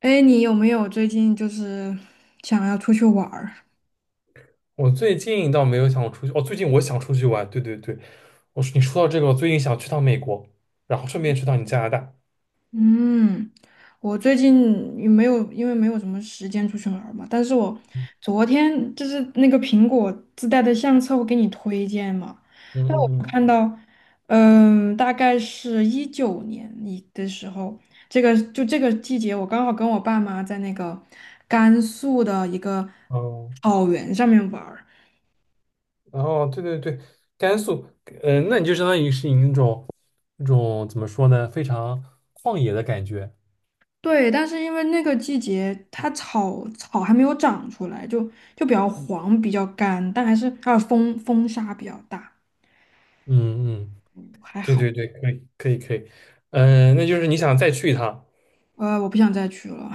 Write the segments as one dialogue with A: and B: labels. A: 哎，你有没有最近想要出去玩儿？
B: 我最近倒没有想出去，哦，最近我想出去玩。对对对，我说你说到这个，我最近想去趟美国，然后顺便去趟你加拿大。
A: 嗯，我最近也没有，因为没有什么时间出去玩儿嘛。但是我
B: 嗯
A: 昨天那个苹果自带的相册，我给你推荐嘛，
B: 嗯嗯，
A: 看到，嗯，大概是19年一的时候，这个就这个季节，我刚好跟我爸妈在那个甘肃的一个
B: 哦，
A: 草原上面玩儿。
B: 然后对对对，甘肃，嗯、那你就相当于是你那种怎么说呢，非常旷野的感觉。
A: 对，但是因为那个季节它草还没有长出来，就比较黄，比较干，但还有风沙比较大，
B: 嗯嗯，
A: 还
B: 对
A: 好。
B: 对对，可以可以可以，嗯、那就是你想再去一趟，
A: 我不想再去了。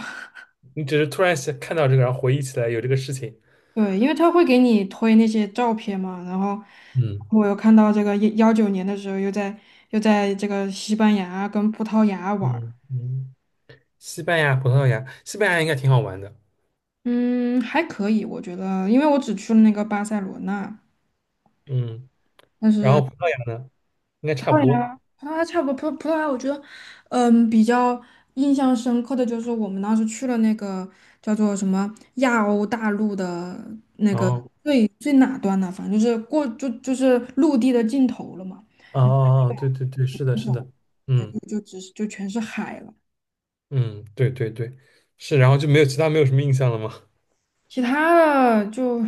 B: 你只是突然想看到这个，然后回忆起来有这个事情。
A: 对，因为他会给你推那些照片嘛，然后
B: 嗯
A: 我又看到这个19年的时候又在这个西班牙跟葡萄牙玩儿，
B: 嗯嗯，西班牙、葡萄牙，西班牙应该挺好玩的。
A: 嗯，还可以，我觉得，因为我只去了那个巴塞罗那。
B: 嗯。
A: 但
B: 然后
A: 是。
B: 葡萄牙呢，应该差不多。
A: 葡萄牙差不多，葡萄牙，我觉得，嗯，比较印象深刻的就是我们当时去了那个叫做什么亚欧大陆的
B: 哦，
A: 最哪端呢？反正就是陆地的尽头了嘛，
B: 哦哦哦，对对对，是的，是的，
A: 就
B: 嗯
A: 就只是就全是海了。
B: 嗯，对对对，是，然后就没有其他没有什么印象了吗？
A: 其他的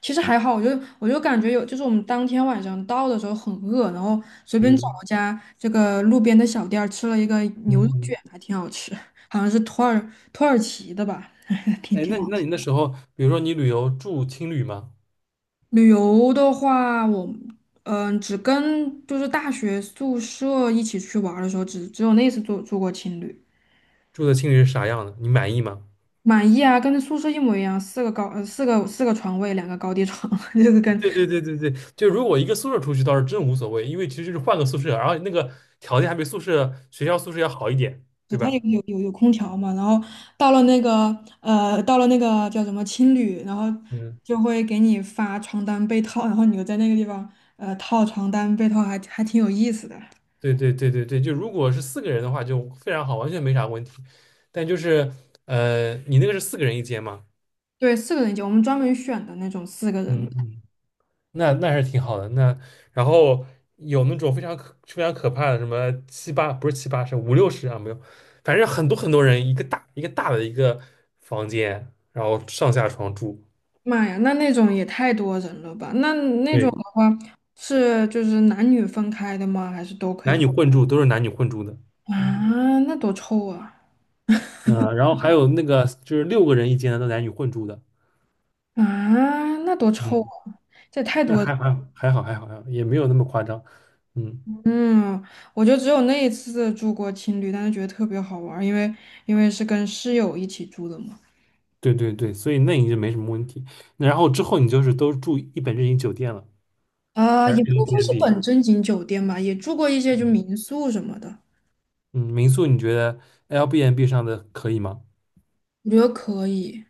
A: 其实还好，我就感觉有，就是我们当天晚上到的时候很饿，然后随便找
B: 嗯
A: 了家这个路边的小店儿吃了一个牛肉卷，
B: 嗯，
A: 还挺好吃，好像是土耳其的吧，挺
B: 哎，
A: 挺。
B: 那你那时候，比如说你旅游住青旅吗？
A: 旅游的话，我只跟就是大学宿舍一起去玩儿的时候，只有那次住过情侣，
B: 住的青旅是啥样的？你满意吗？
A: 满意啊，跟宿舍一模一样，四个床位，两个高低床，就是跟
B: 对对对对对，就如果一个宿舍出去倒是真无所谓，因为其实就是换个宿舍，然后那个条件还比宿舍学校宿舍要好一点，对
A: 它
B: 吧？
A: 有空调嘛，然后到了那个叫什么青旅，然后
B: 嗯
A: 就会给你发床单被套，然后你就在那个地方套床单被套还挺有意思的。
B: 对对对对对，就如果是四个人的话，就非常好，完全没啥问题。但就是你那个是四个人一间吗？
A: 对，四个人一间，我们专门选的那种四个人。
B: 嗯嗯，那是挺好的。那然后有那种非常可怕的，什么七八不是七八，是五六十啊，没有，反正很多很多人一个大的一个房间，然后上下床住，
A: 妈呀，那种也太多人了吧？那那种
B: 对，
A: 是就是男女分开的吗？还是都可
B: 男
A: 以？
B: 女混住都是男女混住的。嗯
A: 啊，那多臭啊！
B: 嗯，然后还有那个就是六个人一间的，都男女混住的。
A: 啊，那多臭
B: 嗯。
A: 啊！这也太
B: 那
A: 多了。
B: 还还好还好还好，也没有那么夸张。嗯，
A: 嗯，我就只有那一次住过青旅，但是觉得特别好玩儿，因为是跟室友一起住的嘛。
B: 对对对，所以那你就没什么问题。那然后之后你就是都住一本正经酒店了，
A: 啊，
B: 还是
A: 也不能说是
B: Airbnb？
A: 本正经酒店吧，也住过一些就民宿什么的。
B: 嗯，民宿你觉得哎 Airbnb 上的可以吗？
A: 我觉得可以，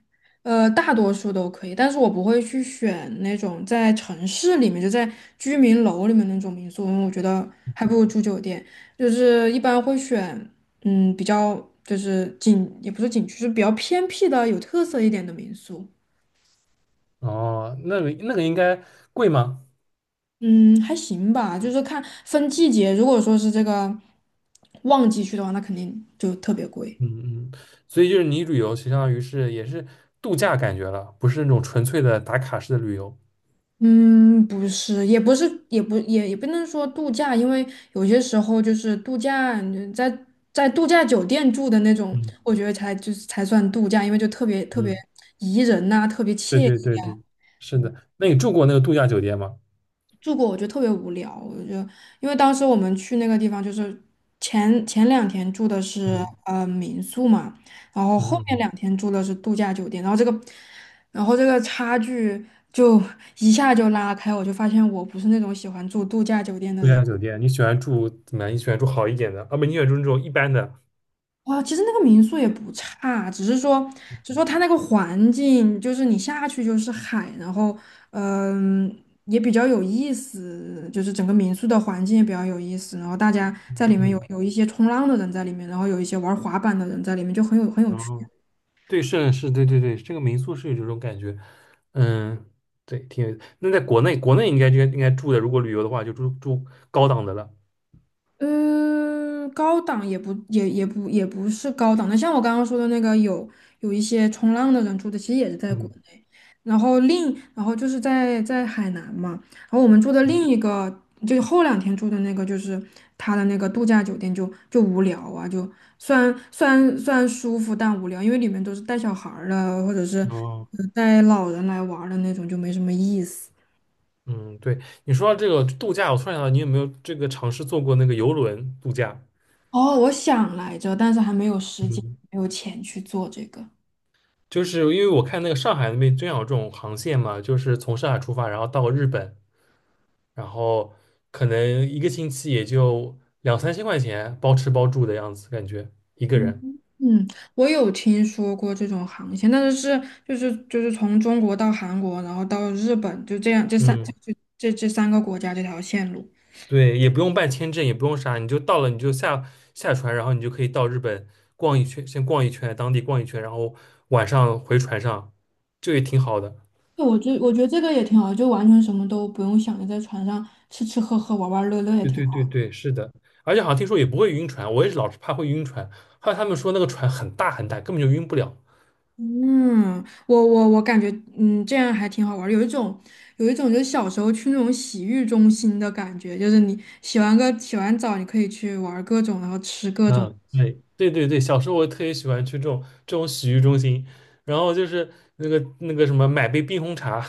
A: 大多数都可以，但是我不会去选那种在城市里面，就在居民楼里面那种民宿，因为我觉得还不如住酒店。就是一般会选，嗯，比较就是景，也不是景区，就是比较偏僻的、有特色一点的民宿。
B: 哦，那个应该贵吗？
A: 嗯，还行吧，就是看分季节，如果说是这个旺季去的话，那肯定就特别贵。
B: 嗯嗯，所以就是你旅游相当于是也是度假感觉了，不是那种纯粹的打卡式的旅游。
A: 嗯，不是，也不是，也不能说度假，因为有些时候就是度假，嗯在在度假酒店住的那种，
B: 嗯
A: 我觉得才就是才算度假，因为就特别特别
B: 嗯，
A: 宜人呐、特别
B: 对
A: 惬意。
B: 对对对，是的。那你住过那个度假酒店吗？
A: 住过，我觉得特别无聊。我就因为当时我们去那个地方，就是前两天住的是
B: 嗯
A: 民宿嘛，然后后面两
B: 嗯。
A: 天住的是度假酒店，然后这个差距就一下就拉开，我就发现我不是那种喜欢住度假酒店的
B: 度
A: 人。
B: 假酒店，你喜欢住怎么样？你喜欢住好一点的，啊不，你喜欢住那种一般的，
A: 哇，其实那个民宿也不差，只是说它那个环境，就是你下去就是海，然后，嗯，也比较有意思，就是整个民宿的环境也比较有意思，然后大家在里面
B: 嗯，
A: 有一些冲浪的人在里面，然后有一些玩滑板的人在里面，就很有
B: 然
A: 趣。
B: 后对，是是，对对对，这个民宿是有这种感觉，嗯，对，挺有。那在国内，国内应该就应该住的，如果旅游的话，就住住高档的了，
A: 嗯，高档也不是高档的，像我刚刚说的那个有一些冲浪的人住的，其实也是在国
B: 嗯，
A: 内，然后然后就是在在海南嘛，然后我们住的
B: 嗯
A: 另一个就是后两天住的那个就是他的那个度假酒店就无聊啊，就虽然舒服但无聊，因为里面都是带小孩儿的或者是
B: 哦，
A: 带老人来玩儿的那种，就没什么意思。
B: 嗯，对，你说到这个度假，我突然想到，你有没有这个尝试坐过那个游轮度假？
A: 哦，我想来着，但是还没有时间，
B: 嗯，
A: 没有钱去做这个。
B: 就是因为我看那个上海那边真有这种航线嘛，就是从上海出发，然后到日本，然后可能一个星期也就两三千块钱，包吃包住的样子，感觉一个人。
A: 嗯，嗯我有听说过这种航线，但是就是从中国到韩国，然后到日本，就这样
B: 嗯，
A: 这三个国家这条线路。
B: 对，也不用办签证，也不用啥，你就到了你就下船，然后你就可以到日本逛一圈，先逛一圈，当地逛一圈，然后晚上回船上，这也挺好的。
A: 对，我觉得这个也挺好，就完全什么都不用想，就在船上吃吃喝喝玩玩乐乐也
B: 对
A: 挺
B: 对对
A: 好。
B: 对，是的，而且好像听说也不会晕船，我也是老是怕会晕船。后来他们说那个船很大很大，根本就晕不了。
A: 嗯，我感觉嗯这样还挺好玩儿，有一种就是小时候去那种洗浴中心的感觉，就是你洗完澡，你可以去玩儿各种，然后吃各种。
B: 嗯，对对对对，小时候我特别喜欢去这种洗浴中心，然后就是那个什么买杯冰红茶，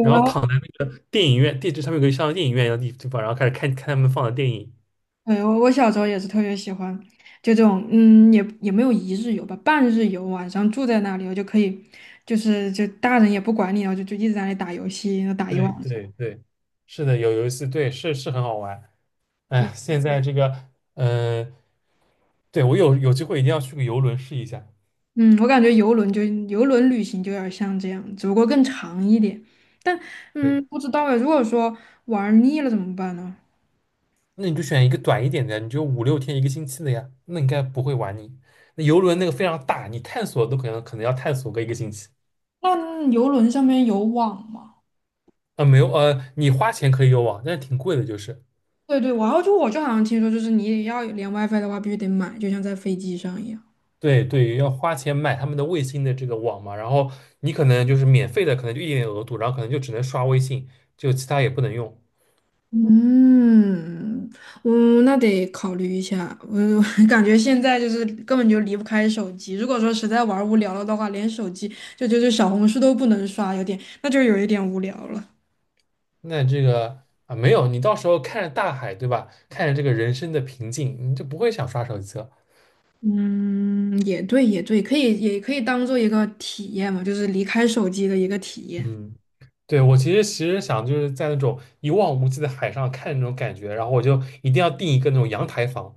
B: 然后躺在电影院地址上面有个像电影院一样的地方，然后开始看看他们放的电影。
A: 对，我我小时候也是特别喜欢，就这种，嗯，也没有一日游吧，半日游，晚上住在那里，我就可以，就是就大人也不管你，就一直在那里打游戏，然后打一晚
B: 对
A: 上。
B: 对对，是的，有游戏，对，是很好玩。
A: 对，
B: 哎，现在这个，呃，对我有机会一定要去个游轮试一下。
A: 嗯，我感觉游轮旅行就有点像这样，只不过更长一点。但
B: 对，
A: 嗯，不知道哎，如果说玩腻了怎么办呢？
B: 那你就选一个短一点的，你就五六天一个星期的呀，那应该不会玩你。那游轮那个非常大，你探索都可能要探索个一个星期。
A: 那游轮上面有网吗？
B: 啊，没有，你花钱可以有网，但是挺贵的，就是
A: 对对，然后就我就好像听说，就是你要连 WiFi 的话，必须得买，就像在飞机上一样。
B: 对对，要花钱买他们的卫星的这个网嘛。然后你可能就是免费的，可能就一点点额度，然后可能就只能刷微信，就其他也不能用。
A: 嗯，嗯，那得考虑一下。我 我感觉现在就是根本就离不开手机。如果说实在玩儿无聊了的话，连手机小红书都不能刷，有点，那就有一点无聊了。
B: 那这个啊，没有，你到时候看着大海，对吧？看着这个人生的平静，你就不会想刷手机了。
A: 嗯，也对，也对，可以，也可以当做一个体验嘛，就是离开手机的一个体验。
B: 嗯。对，我其实想就是在那种一望无际的海上看那种感觉，然后我就一定要订一个那种阳台房，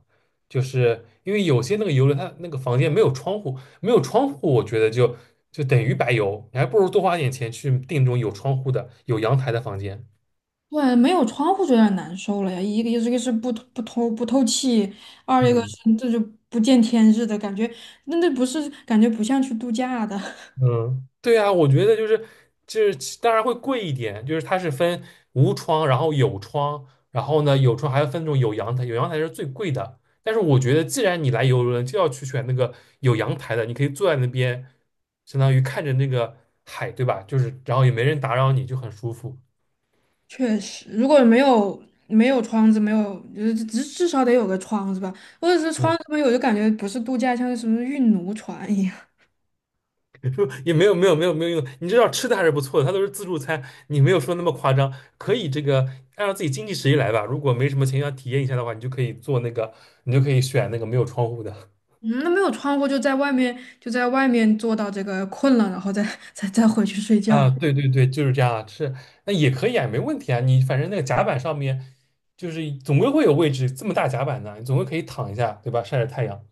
B: 就是因为有些那个游轮它那个房间没有窗户，没有窗户，我觉得就等于白游，你还不如多花点钱去订那种有窗户的、有阳台的房间。
A: 对，没有窗户就有点难受了呀。一个是不透气，二一个
B: 嗯。
A: 是这就不见天日的感觉，那那不是感觉不像去度假的。
B: 嗯，对啊，我觉得就是当然会贵一点，就是它是分无窗，然后有窗，然后呢有窗还要分那种有阳台，有阳台是最贵的。但是我觉得既然你来游轮，就要去选那个有阳台的，你可以坐在那边，相当于看着那个海，对吧？就是然后也没人打扰你，就很舒服。
A: 确实，如果没有窗子，没有就是至少得有个窗子吧，或者是窗
B: 嗯。
A: 子没有，就感觉不是度假，像是什么运奴船一样。
B: 也没有用，你知道吃的还是不错的，它都是自助餐，你没有说那么夸张，可以这个按照自己经济实力来吧。如果没什么钱要体验一下的话，你就可以做那个，你就可以选那个没有窗户的
A: 嗯，那没有窗户就在外面，在外面坐到这个困了，然后再 再回去睡觉。
B: 啊。对对对，就是这样啊，是那也可以啊，没问题啊。你反正那个甲板上面就是总归会有位置，这么大甲板呢，你总归可以躺一下，对吧？晒晒太阳。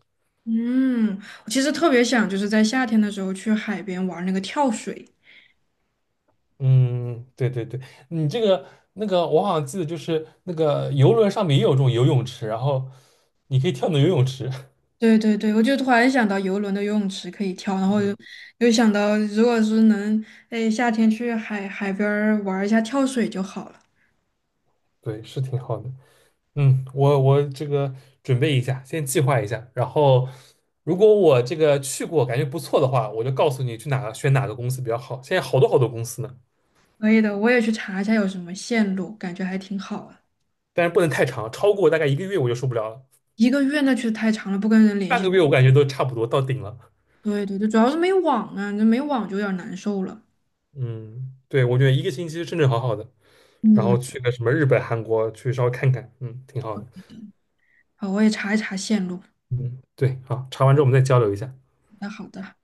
A: 嗯，我其实特别想就是在夏天的时候去海边玩那个跳水。
B: 嗯，对对对，你这个那个，我好像记得就是那个游轮上面也有这种游泳池，然后你可以跳到游泳池。
A: 对对对，我就突然想到游轮的游泳池可以跳，然 后
B: 嗯
A: 又想到如果是能，哎，夏天去海边儿玩一下跳水就好了。
B: 对，是挺好的。嗯，我这个准备一下，先计划一下，然后如果我这个去过感觉不错的话，我就告诉你去哪个选哪个公司比较好。现在好多好多公司呢，
A: 可以的，我也去查一下有什么线路，感觉还挺好啊。
B: 但是不能太长，超过大概一个月我就受不了了，
A: 一个月那确实太长了，不跟人联
B: 半个
A: 系。
B: 月我感觉都差不多到顶了。
A: 对对对，主要是没网啊，这没网就有点难受了。
B: 嗯，对，我觉得一个星期是正正好好的，然后
A: 嗯，
B: 去个什么日本、韩国去稍微看看，嗯，挺好的。
A: 好，我也查一查线路。
B: 嗯，对，好，查完之后我们再交流一下。
A: 那好的。